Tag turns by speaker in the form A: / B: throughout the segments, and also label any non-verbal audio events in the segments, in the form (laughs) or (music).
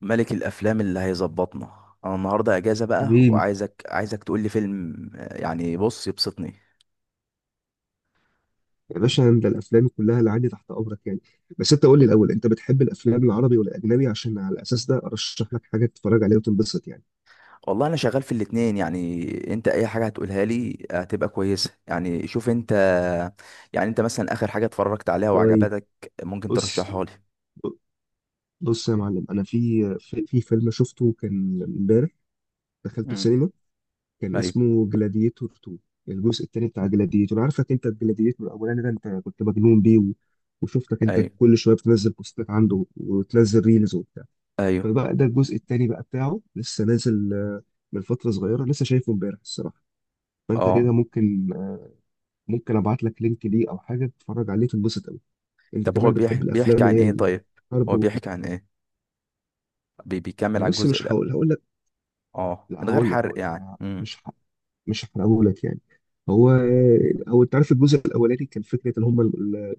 A: ملك الافلام اللي هيظبطنا، انا النهارده اجازه بقى،
B: حبيبي،
A: وعايزك تقول لي فيلم، يعني بص يبسطني.
B: يا باشا انت الافلام كلها اللي عندي تحت امرك يعني. بس انت قول لي الاول، انت بتحب الافلام العربي ولا الاجنبي؟ عشان على الاساس ده ارشح لك حاجه تتفرج عليها وتنبسط يعني.
A: والله انا شغال في الاتنين يعني. انت اي حاجه هتقولها لي هتبقى كويسه، يعني شوف انت. يعني انت مثلا اخر حاجه اتفرجت عليها
B: طيب.
A: وعجبتك، ممكن
B: بص،
A: ترشحها لي؟
B: بص يا معلم، انا في فيلم شفته كان امبارح، دخلته
A: امم.
B: السينما. كان
A: ايوه،
B: اسمه جلاديتور 2، الجزء الثاني بتاع جلاديتور. عارفك انت الجلاديتور الاولاني ده، انت كنت مجنون بيه و... وشفتك انت
A: ايوه،
B: كل شويه بتنزل بوستات عنده وتنزل ريلز.
A: ايوه.
B: فبقى ده الجزء التاني بقى بتاعه لسه نازل، من فترة صغيرة، لسه شايفه امبارح الصراحة. فانت
A: اه.
B: كده ممكن، ممكن ابعت لك لينك ليه، او حاجة تتفرج عليه تنبسط قوي. انت
A: طب هو
B: كمان
A: بيحكي
B: بتحب
A: بيحكي
B: الافلام
A: عن
B: اللي هي
A: ايه طيب؟
B: الحرب
A: هو
B: و...
A: بيحكي عن ايه؟ بيكمل على
B: بص،
A: الجزء
B: مش
A: الاول؟
B: هقول لك.
A: اه،
B: لا،
A: من غير
B: هقول لك،
A: حرق
B: هقول لك،
A: يعني.
B: انا
A: امم.
B: مش ح... مش هحرقه لك يعني. هو هو انت عارف الجزء الاولاني كان فكره ان هم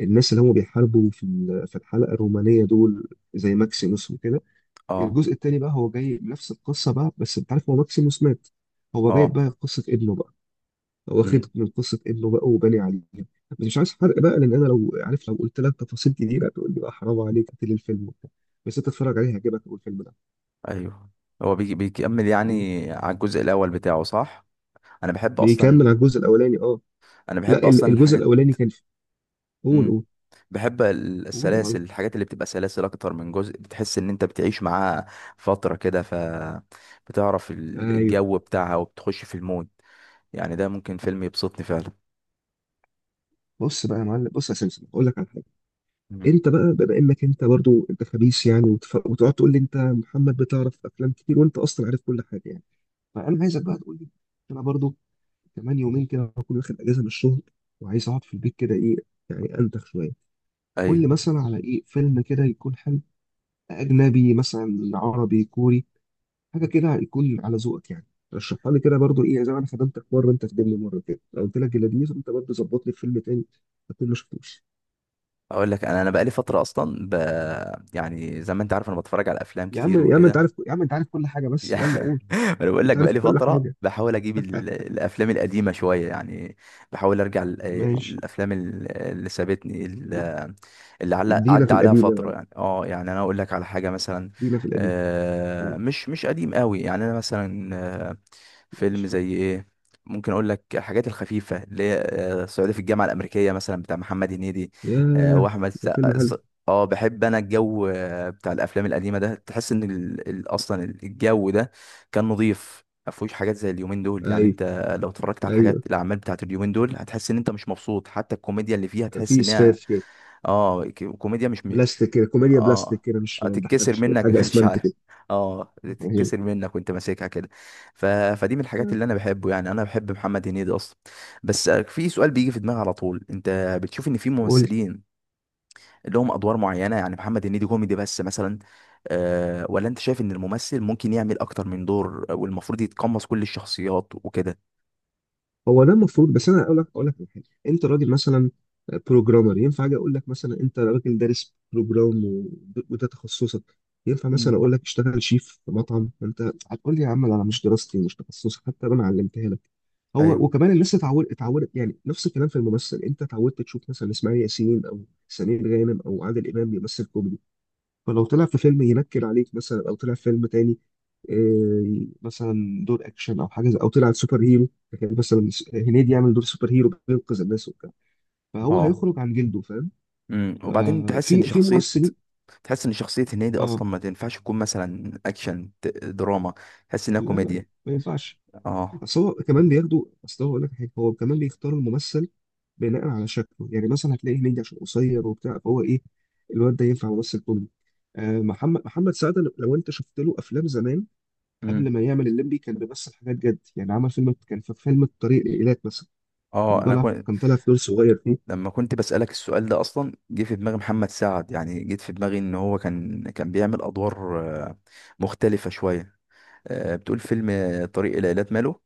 B: الناس اللي هم بيحاربوا في ال- في الحلقه الرومانيه دول، زي ماكسيموس وكده.
A: اه،
B: الجزء التاني بقى هو جاي نفس القصه بقى، بس انت عارف هو ماكسيموس مات، هو جايب
A: اه،
B: بقى قصه ابنه بقى. هو واخد من قصه ابنه بقى وباني عليها. بس مش عايز حرق بقى، لان انا لو عارف، لو قلت لك تفاصيل كتيره تقول لي بقى حرام عليك قتل الفيلم وبتاع. بس انت تتفرج عليه هيعجبك اول الفيلم ده.
A: ايوه. هو بيجي بيكمل
B: مم.
A: يعني، على الجزء الاول بتاعه، صح؟ انا بحب اصلا.
B: بيكمل على الجزء الاولاني، اه.
A: انا
B: لا،
A: بحب
B: ال-
A: اصلا
B: الجزء
A: الحاجات.
B: الاولاني كان في، قول
A: امم.
B: قول.
A: بحب
B: قول يا معلم.
A: السلاسل، الحاجات اللي بتبقى سلاسل اكتر من جزء، بتحس ان انت بتعيش معاها فترة كده ف بتعرف
B: ايوه.
A: الجو بتاعها وبتخش في المود. يعني ده ممكن فيلم يبسطني فعلا.
B: بص بقى يا معلم، بص يا سمسم، اقول لك على حاجه.
A: مم.
B: انت بقى بما انك انت برضو انت خبيث يعني، وتف... وتقعد تقول لي انت محمد بتعرف افلام كتير، وانت اصلا عارف كل حاجه يعني. فانا عايزك بقى تقول لي، انا برضو كمان يومين كده هكون واخد اجازه من الشغل، وعايز اقعد في البيت كده، ايه يعني، انتخ شويه. قول
A: ايوه.
B: لي مثلا على ايه فيلم كده يكون حلو، اجنبي مثلا، عربي، كوري، حاجه كده يكون على ذوقك يعني. رشحها لي كده برضو، ايه زي ما انا خدمتك مره انت خدمني مره كده، لو قلت لك جلاديز انت برضو ظبط لي فيلم تاني اكون ما شفتوش.
A: اقول لك، انا بقالي فترة اصلا يعني زي ما انت عارف انا بتفرج على افلام
B: يا
A: كتير
B: عم، يا عم انت
A: وكده.
B: عارف، يا عم انت عارف كل حاجه، بس يلا
A: يعني
B: قول.
A: (laughs) ما انا بقول لك
B: انت عارف
A: بقالي
B: كل
A: فتره
B: حاجه.
A: بحاول اجيب الافلام القديمه شويه يعني. بحاول ارجع
B: ماشي.
A: الافلام اللي سابتني اللي علق
B: ادينا في
A: عدى عليها
B: القديم يا
A: فتره،
B: معلم،
A: يعني اه يعني انا اقول لك على حاجه مثلا.
B: ادينا في القديم. قول.
A: مش قديم قوي، يعني انا مثلا فيلم
B: ماشي.
A: زي ايه؟ ممكن اقول لك الحاجات الخفيفه اللي هي صعيدي في الجامعه الامريكيه مثلا بتاع محمد هنيدي،
B: ياه.
A: واحمد
B: ده فيلم
A: السقا.
B: حلو.
A: اه بحب انا الجو بتاع الافلام القديمه ده، تحس ان اصلا الجو ده كان نظيف، ما فيهوش حاجات زي اليومين دول، يعني
B: ايوه.
A: انت لو اتفرجت على
B: ايوه.
A: الحاجات، الاعمال بتاعت اليومين دول، هتحس ان انت مش مبسوط، حتى الكوميديا اللي فيها تحس
B: في
A: انها
B: اسفاف كده.
A: اه، كوميديا مش.
B: بلاستيك كده، كوميديا بلاستيك
A: اه
B: كده، مش ما
A: تتكسر
B: بنضحكش كده،
A: منك
B: حاجه
A: (laughs) مش
B: اسمنت
A: عارف.
B: كده.
A: اه
B: هي.
A: تتكسر منك وانت ماسكها كده. فدي من الحاجات اللي انا بحبه، يعني انا بحب محمد هنيدي اصلا. بس في سؤال بيجي في دماغي على طول، انت بتشوف ان في
B: قول لي،
A: ممثلين لهم ادوار معينه، يعني محمد هنيدي كوميدي بس مثلا، ولا انت شايف ان الممثل ممكن يعمل اكتر من دور والمفروض يتقمص كل الشخصيات وكده؟
B: هو ده المفروض. بس انا اقول لك على حاجه. انت راجل مثلا بروجرامر، ينفع اجي اقول لك مثلا انت راجل دارس بروجرام و- وده تخصصك، ينفع مثلا
A: مم.
B: اقول لك اشتغل شيف في مطعم؟ انت هتقول لي يا عم لا، انا مش دراستي مش تخصصي، حتى لو انا علمتها لك.
A: ايوه.
B: هو وكمان الناس اتعودت يعني، نفس الكلام في الممثل، انت اتعودت تشوف مثلا اسماعيل ياسين او سمير غانم او عادل امام بيمثل كوميدي. فلو طلع في فيلم ينكر عليك مثلا، او طلع في فيلم تاني، مثلا دور اكشن او حاجه زي- او طلع سوبر هيرو، لكن مثلا س- هنيدي يعمل دور سوبر هيرو بينقذ الناس وبتاع، فهو
A: اه.
B: هيخرج عن جلده، فاهم؟
A: امم، وبعدين تحس ان
B: في في
A: شخصيه،
B: ممثلين.
A: تحس ان شخصيه هنيدي
B: اه.
A: اصلا ما تنفعش تكون مثلا اكشن، دراما، تحس انها
B: لا، لا،
A: كوميديا.
B: ما ينفعش.
A: اه.
B: اصل هو كمان بياخدوا، اصل هو اقول لك حاجه، هو كمان بيختار الممثل بناء على شكله، يعني مثلا هتلاقي هنيدي عشان قصير وبتاع، فهو ايه، الواد ده ينفع ممثل كوميدي. محمد سعد، لو انت شفت له افلام زمان قبل
A: امم.
B: ما يعمل الليمبي، كان بيمثل حاجات جد يعني. عمل فيلم، كان في فيلم الطريق الإيلات مثلا،
A: اه.
B: كان
A: انا
B: طالع
A: كنت،
B: كان طالع في دور صغير فيه.
A: لما كنت بسألك السؤال ده اصلا جه في دماغي محمد سعد، يعني جيت في دماغي ان هو كان بيعمل ادوار آه، مختلفة شوية. بتقول فيلم طريق إلى إيلات ماله؟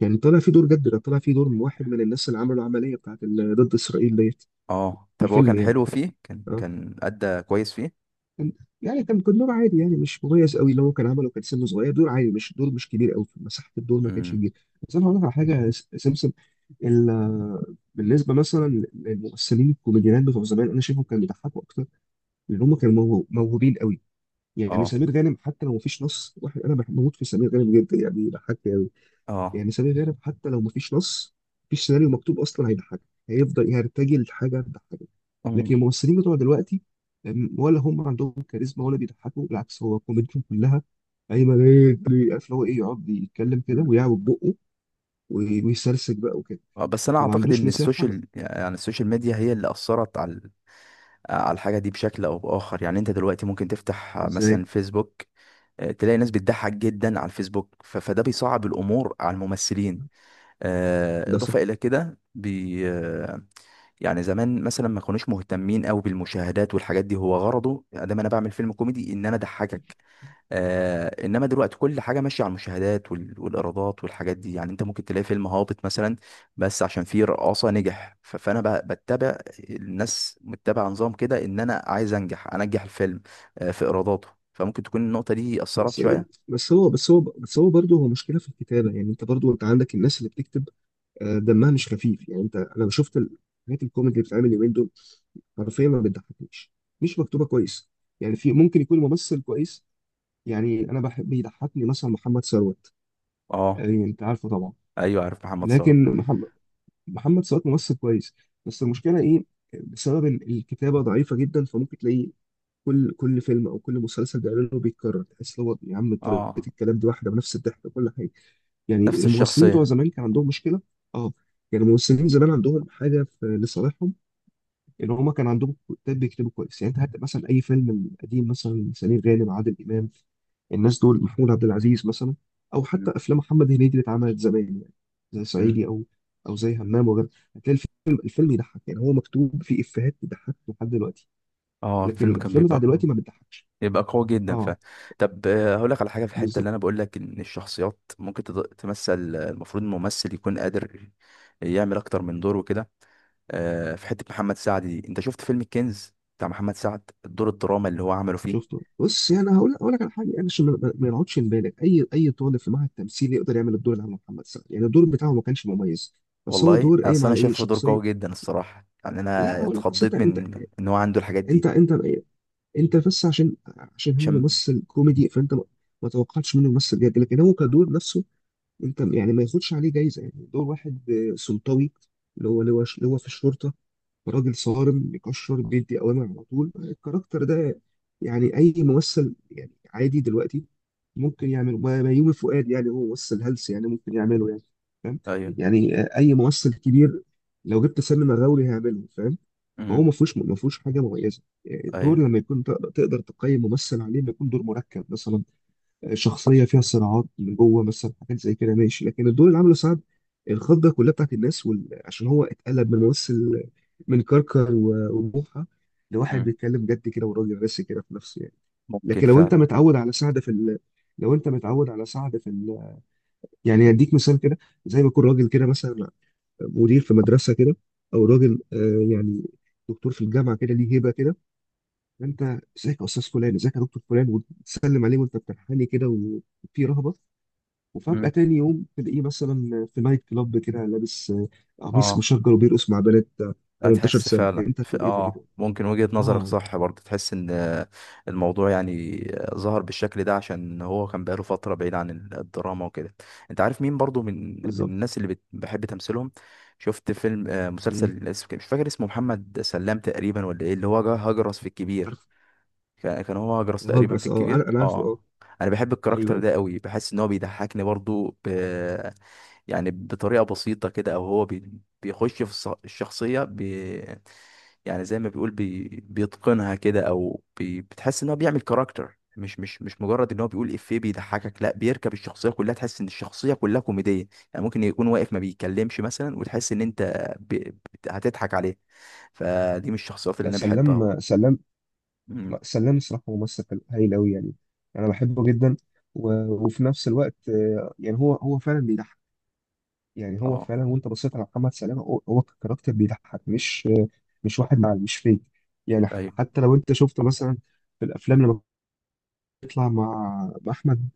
B: كان طالع فيه دور جد، كان طالع فيه دور من واحد من الناس اللي عملوا العملية بتاعت ال- ضد إسرائيل ديت
A: اه
B: في
A: طب هو
B: الفيلم
A: كان
B: يعني.
A: حلو فيه، كان
B: اه
A: كان أدى كويس فيه؟
B: كان- يعني كان دور عادي يعني، مش مميز قوي اللي هو كان عمله، كان سنه صغير، دور عادي، مش دور، مش كبير قوي، مساحة الدور ما كانتش
A: امم.
B: كبيرة. بس أنا هقول لك على حاجة يا س- سمسم، ال- بالنسبة مثلا للممثلين الكوميديانات بتوع زمان أنا شايفهم كانوا بيضحكوا أكتر، لأن هم كانوا موهو- موهوبين قوي. يعني
A: اه.
B: سمير غانم، حتى لو مفيش نص واحد انا بحب بموت في سمير غانم جدا، يعني بيضحكني قوي.
A: اه.
B: يعني سمير غانم حتى لو مفيش نص، مفيش سيناريو مكتوب، اصلا هيضحكك، هيفضل يرتجل لحاجه تضحكك. لكن
A: أمم.
B: الممثلين بتوع دلوقتي، ولا هم عندهم كاريزما ولا بيضحكوا، بالعكس هو كوميديتهم كلها ايمن ايه بي- عارف اللي هو ايه، يقعد يتكلم كده ويعوج بقه، وي- ويسرسج بقى وكده،
A: اه، بس انا
B: فما
A: اعتقد
B: عندوش
A: ان
B: مساحه.
A: السوشيال، يعني السوشيال ميديا، هي اللي اثرت على الحاجه دي بشكل او باخر، يعني انت دلوقتي ممكن تفتح،
B: ازاي؟
A: مثلا، فيسبوك، تلاقي ناس بتضحك جدا على الفيسبوك، فده بيصعب الامور على الممثلين.
B: ده
A: اضافه الى كده بي آه، يعني زمان مثلا ما كانوش مهتمين قوي بالمشاهدات والحاجات دي، هو غرضه ادام انا بعمل فيلم كوميدي ان انا اضحكك. انما دلوقتي كل حاجه ماشيه على المشاهدات والايرادات والحاجات دي، يعني انت ممكن تلاقي فيلم هابط مثلا بس عشان فيه رقاصه نجح، فانا بتبع، الناس متبعه نظام كده ان انا عايز انجح الفيلم في ايراداته، فممكن تكون النقطه دي اثرت
B: بس،
A: شويه.
B: بس هو برضه هو مشكله في الكتابه يعني. انت برضه انت عندك الناس اللي بتكتب دمها مش خفيف يعني، انت انا شفت الحاجات الكوميدي اللي بتتعمل اليومين دول حرفيا ما بتضحكنيش، مش مكتوبه كويس. يعني في ممكن يكون ممثل كويس، يعني انا بحب بيضحكني مثلا محمد ثروت،
A: اه.
B: يعني انت عارفه طبعا.
A: ايوه عارف محمد ثروت.
B: لكن محمد، محمد ثروت ممثل كويس، بس المشكله ايه، بسبب ال- الكتابه ضعيفه جدا، فممكن تلاقيه كل فيلم او كل مسلسل بيعمله بيتكرر، تحس اللي هو يا عم طريقه
A: اه،
B: الكلام دي واحده بنفس الضحك وكل حاجه. يعني
A: نفس
B: الممثلين بتوع
A: الشخصيه.
B: زمان كان عندهم مشكله، اه. يعني الممثلين زمان عندهم حاجه في لصالحهم، ان هم كان عندهم كتاب بيكتبوا كويس. يعني انت هات مثلا اي فيلم قديم، مثلا سمير غانم، عادل امام، الناس دول، محمود عبد العزيز مثلا، او
A: م-
B: حتى افلام محمد هنيدي اللي اتعملت زمان، يعني زي
A: م.
B: صعيدي او، او زي همام وغيره، هتلاقي الفيلم يضحك يعني، هو مكتوب فيه افيهات تضحك لحد دلوقتي.
A: اه
B: لكن
A: الفيلم كان
B: الافلام بتاع
A: بيبقى
B: دلوقتي ما بتضحكش.
A: يبقى قوي جدا
B: اه.
A: ف طب هقول لك على حاجه، في الحته
B: بالظبط.
A: اللي انا بقول لك ان الشخصيات ممكن تمثل، المفروض الممثل يكون قادر يعمل اكتر من دور وكده. في حته محمد سعد دي، انت شفت فيلم الكنز بتاع محمد سعد، الدور الدراما اللي هو عمله فيه؟
B: شفته. بص يعني هقول، هقول لك على حاجه، يعني عشان ما نقعدش نبالغ، اي طالب في معهد تمثيل يقدر يعمل الدور اللي عمله محمد سعد يعني، الدور بتاعه ما كانش مميز، بس هو
A: والله
B: دور قايم
A: اصل انا
B: على ايه،
A: شايفه دور قوي
B: شخصيه.
A: جدا الصراحه، يعني
B: لا
A: انا
B: هقول لك، اصل
A: اتخضيت
B: انت
A: من
B: انت،
A: ان هو عنده الحاجات
B: انت
A: دي
B: انت انت بس عشان هو
A: عشان
B: ممثل كوميدي، فانت ما توقعتش منه ممثل جد، لكن هو كدور نفسه، انت يعني ما ياخدش عليه جايزه يعني، دور واحد سلطوي، اللي هو اللي هو اللي هو في الشرطه، راجل صارم بيكشر بيدي اوامر على طول، الكاركتر ده يعني اي ممثل، يعني عادي دلوقتي ممكن يعمله، ما- بيومي فؤاد يعني، هو ممثل هلس يعني ممكن يعمله يعني، فاهم؟
A: ايوه.
B: يعني اي ممثل كبير لو جبت سلمى مغاوري هيعمله، فاهم؟ فهو
A: امم.
B: ما فيهوش حاجه مميزه. الدور
A: ايوه.
B: لما يكون تقدر تقيم ممثل عليه، ما يكون دور مركب مثلا، شخصيه فيها صراعات من جوه مثلا، حاجات زي كده ماشي. لكن الدور اللي عمله سعد، الخضه كلها بتاعت الناس، وال... عشان هو اتقلب من ممثل، من كركر و- وبوحه، لواحد
A: مم.
B: بيتكلم جد كده وراجل راسي كده في نفسه يعني.
A: ممكن
B: لكن لو انت
A: فعلا.
B: متعود على سعد في ال... لو انت متعود على سعد في ال... يعني هديك مثال كده، زي ما يكون راجل كده مثلا مدير في مدرسه كده، او راجل يعني دكتور في الجامعه كده، ليه هيبه كده، انت ازيك يا استاذ فلان، ازيك يا دكتور فلان، وتسلم عليه وانت بتنحني كده وفي رهبه، وفجأة
A: امم.
B: تاني يوم تلاقيه مثلا في نايت كلاب كده لابس قميص
A: اه.
B: مشجر وبيرقص مع بنات 18
A: هتحس
B: سنة،
A: فعلا
B: يعني انت هتقول ايه ده ايه
A: اه
B: ده؟
A: ممكن وجهة نظرك
B: اه.
A: صح برضه، تحس ان الموضوع، يعني ظهر بالشكل ده عشان هو كان بقاله فترة بعيد عن الدراما وكده. انت عارف مين برضه من
B: بالظبط.
A: الناس اللي بحب تمثيلهم؟ شفت فيلم،
B: مين؟
A: مسلسل اسمه، مش فاكر اسمه، محمد سلام تقريبا ولا ايه، اللي هو جه هجرس في الكبير؟
B: عارف.
A: كان هو هجرس تقريبا في
B: هاجرس، اه انا
A: الكبير،
B: انا عارفه، اه.
A: اه. انا بحب
B: ايوه.
A: الكاركتر
B: أيوة.
A: ده قوي، بحس ان هو بيضحكني برضه يعني بطريقة بسيطة كده، او هو بيخش في الشخصية يعني زي ما بيقول بيتقنها كده، او بتحس ان هو بيعمل كاركتر مش مجرد ان هو بيقول افيه بيضحكك، لا، بيركب الشخصيه كلها، تحس ان الشخصيه كلها كوميديه. يعني ممكن يكون واقف ما بيتكلمش مثلا، وتحس ان انت هتضحك عليه. فدي من الشخصيات اللي
B: لا،
A: انا بحبها برضه.
B: سلام. سلام.
A: امم.
B: لا، سلام الصراحة ممثل حلو- هايل قوي يعني، انا بحبه جدا، و... وفي نفس الوقت، يعني هو فعلا بيضحك يعني. هو
A: اه.
B: فعلا، وانت بصيت على محمد سلام هو كاركتر بيضحك مش مش واحد معاه مش فيك يعني. ح-
A: ايوه.
B: حتى لو انت شفته مثلا في الافلام لما يطلع مع، مع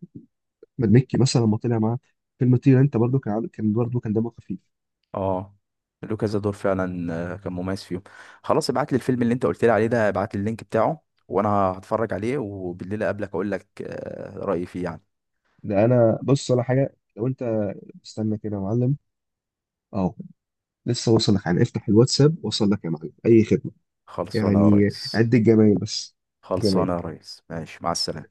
B: احمد مكي مثلا، لما طلع معاه فيلم طير انت، برضو كان عامل- كان برضو كان دمه خفيف.
A: اه. لوكا دور فعلا كان مميز فيهم. خلاص، ابعت لي الفيلم اللي انت قلت لي عليه ده، ابعت لي اللينك بتاعه، وانا هتفرج عليه وبالليل اقابلك اقول لك رايي فيه يعني.
B: ده انا بص على حاجه لو انت، استنى كده يا معلم، اهو، لسه وصل لك يعني، افتح الواتساب وصل لك يا معلم، اي خدمه
A: خلصانه يا
B: يعني،
A: ريس.
B: عد الجمايل بس، جمايل.
A: خلصانه يا ريس، ماشي، مع السلامه.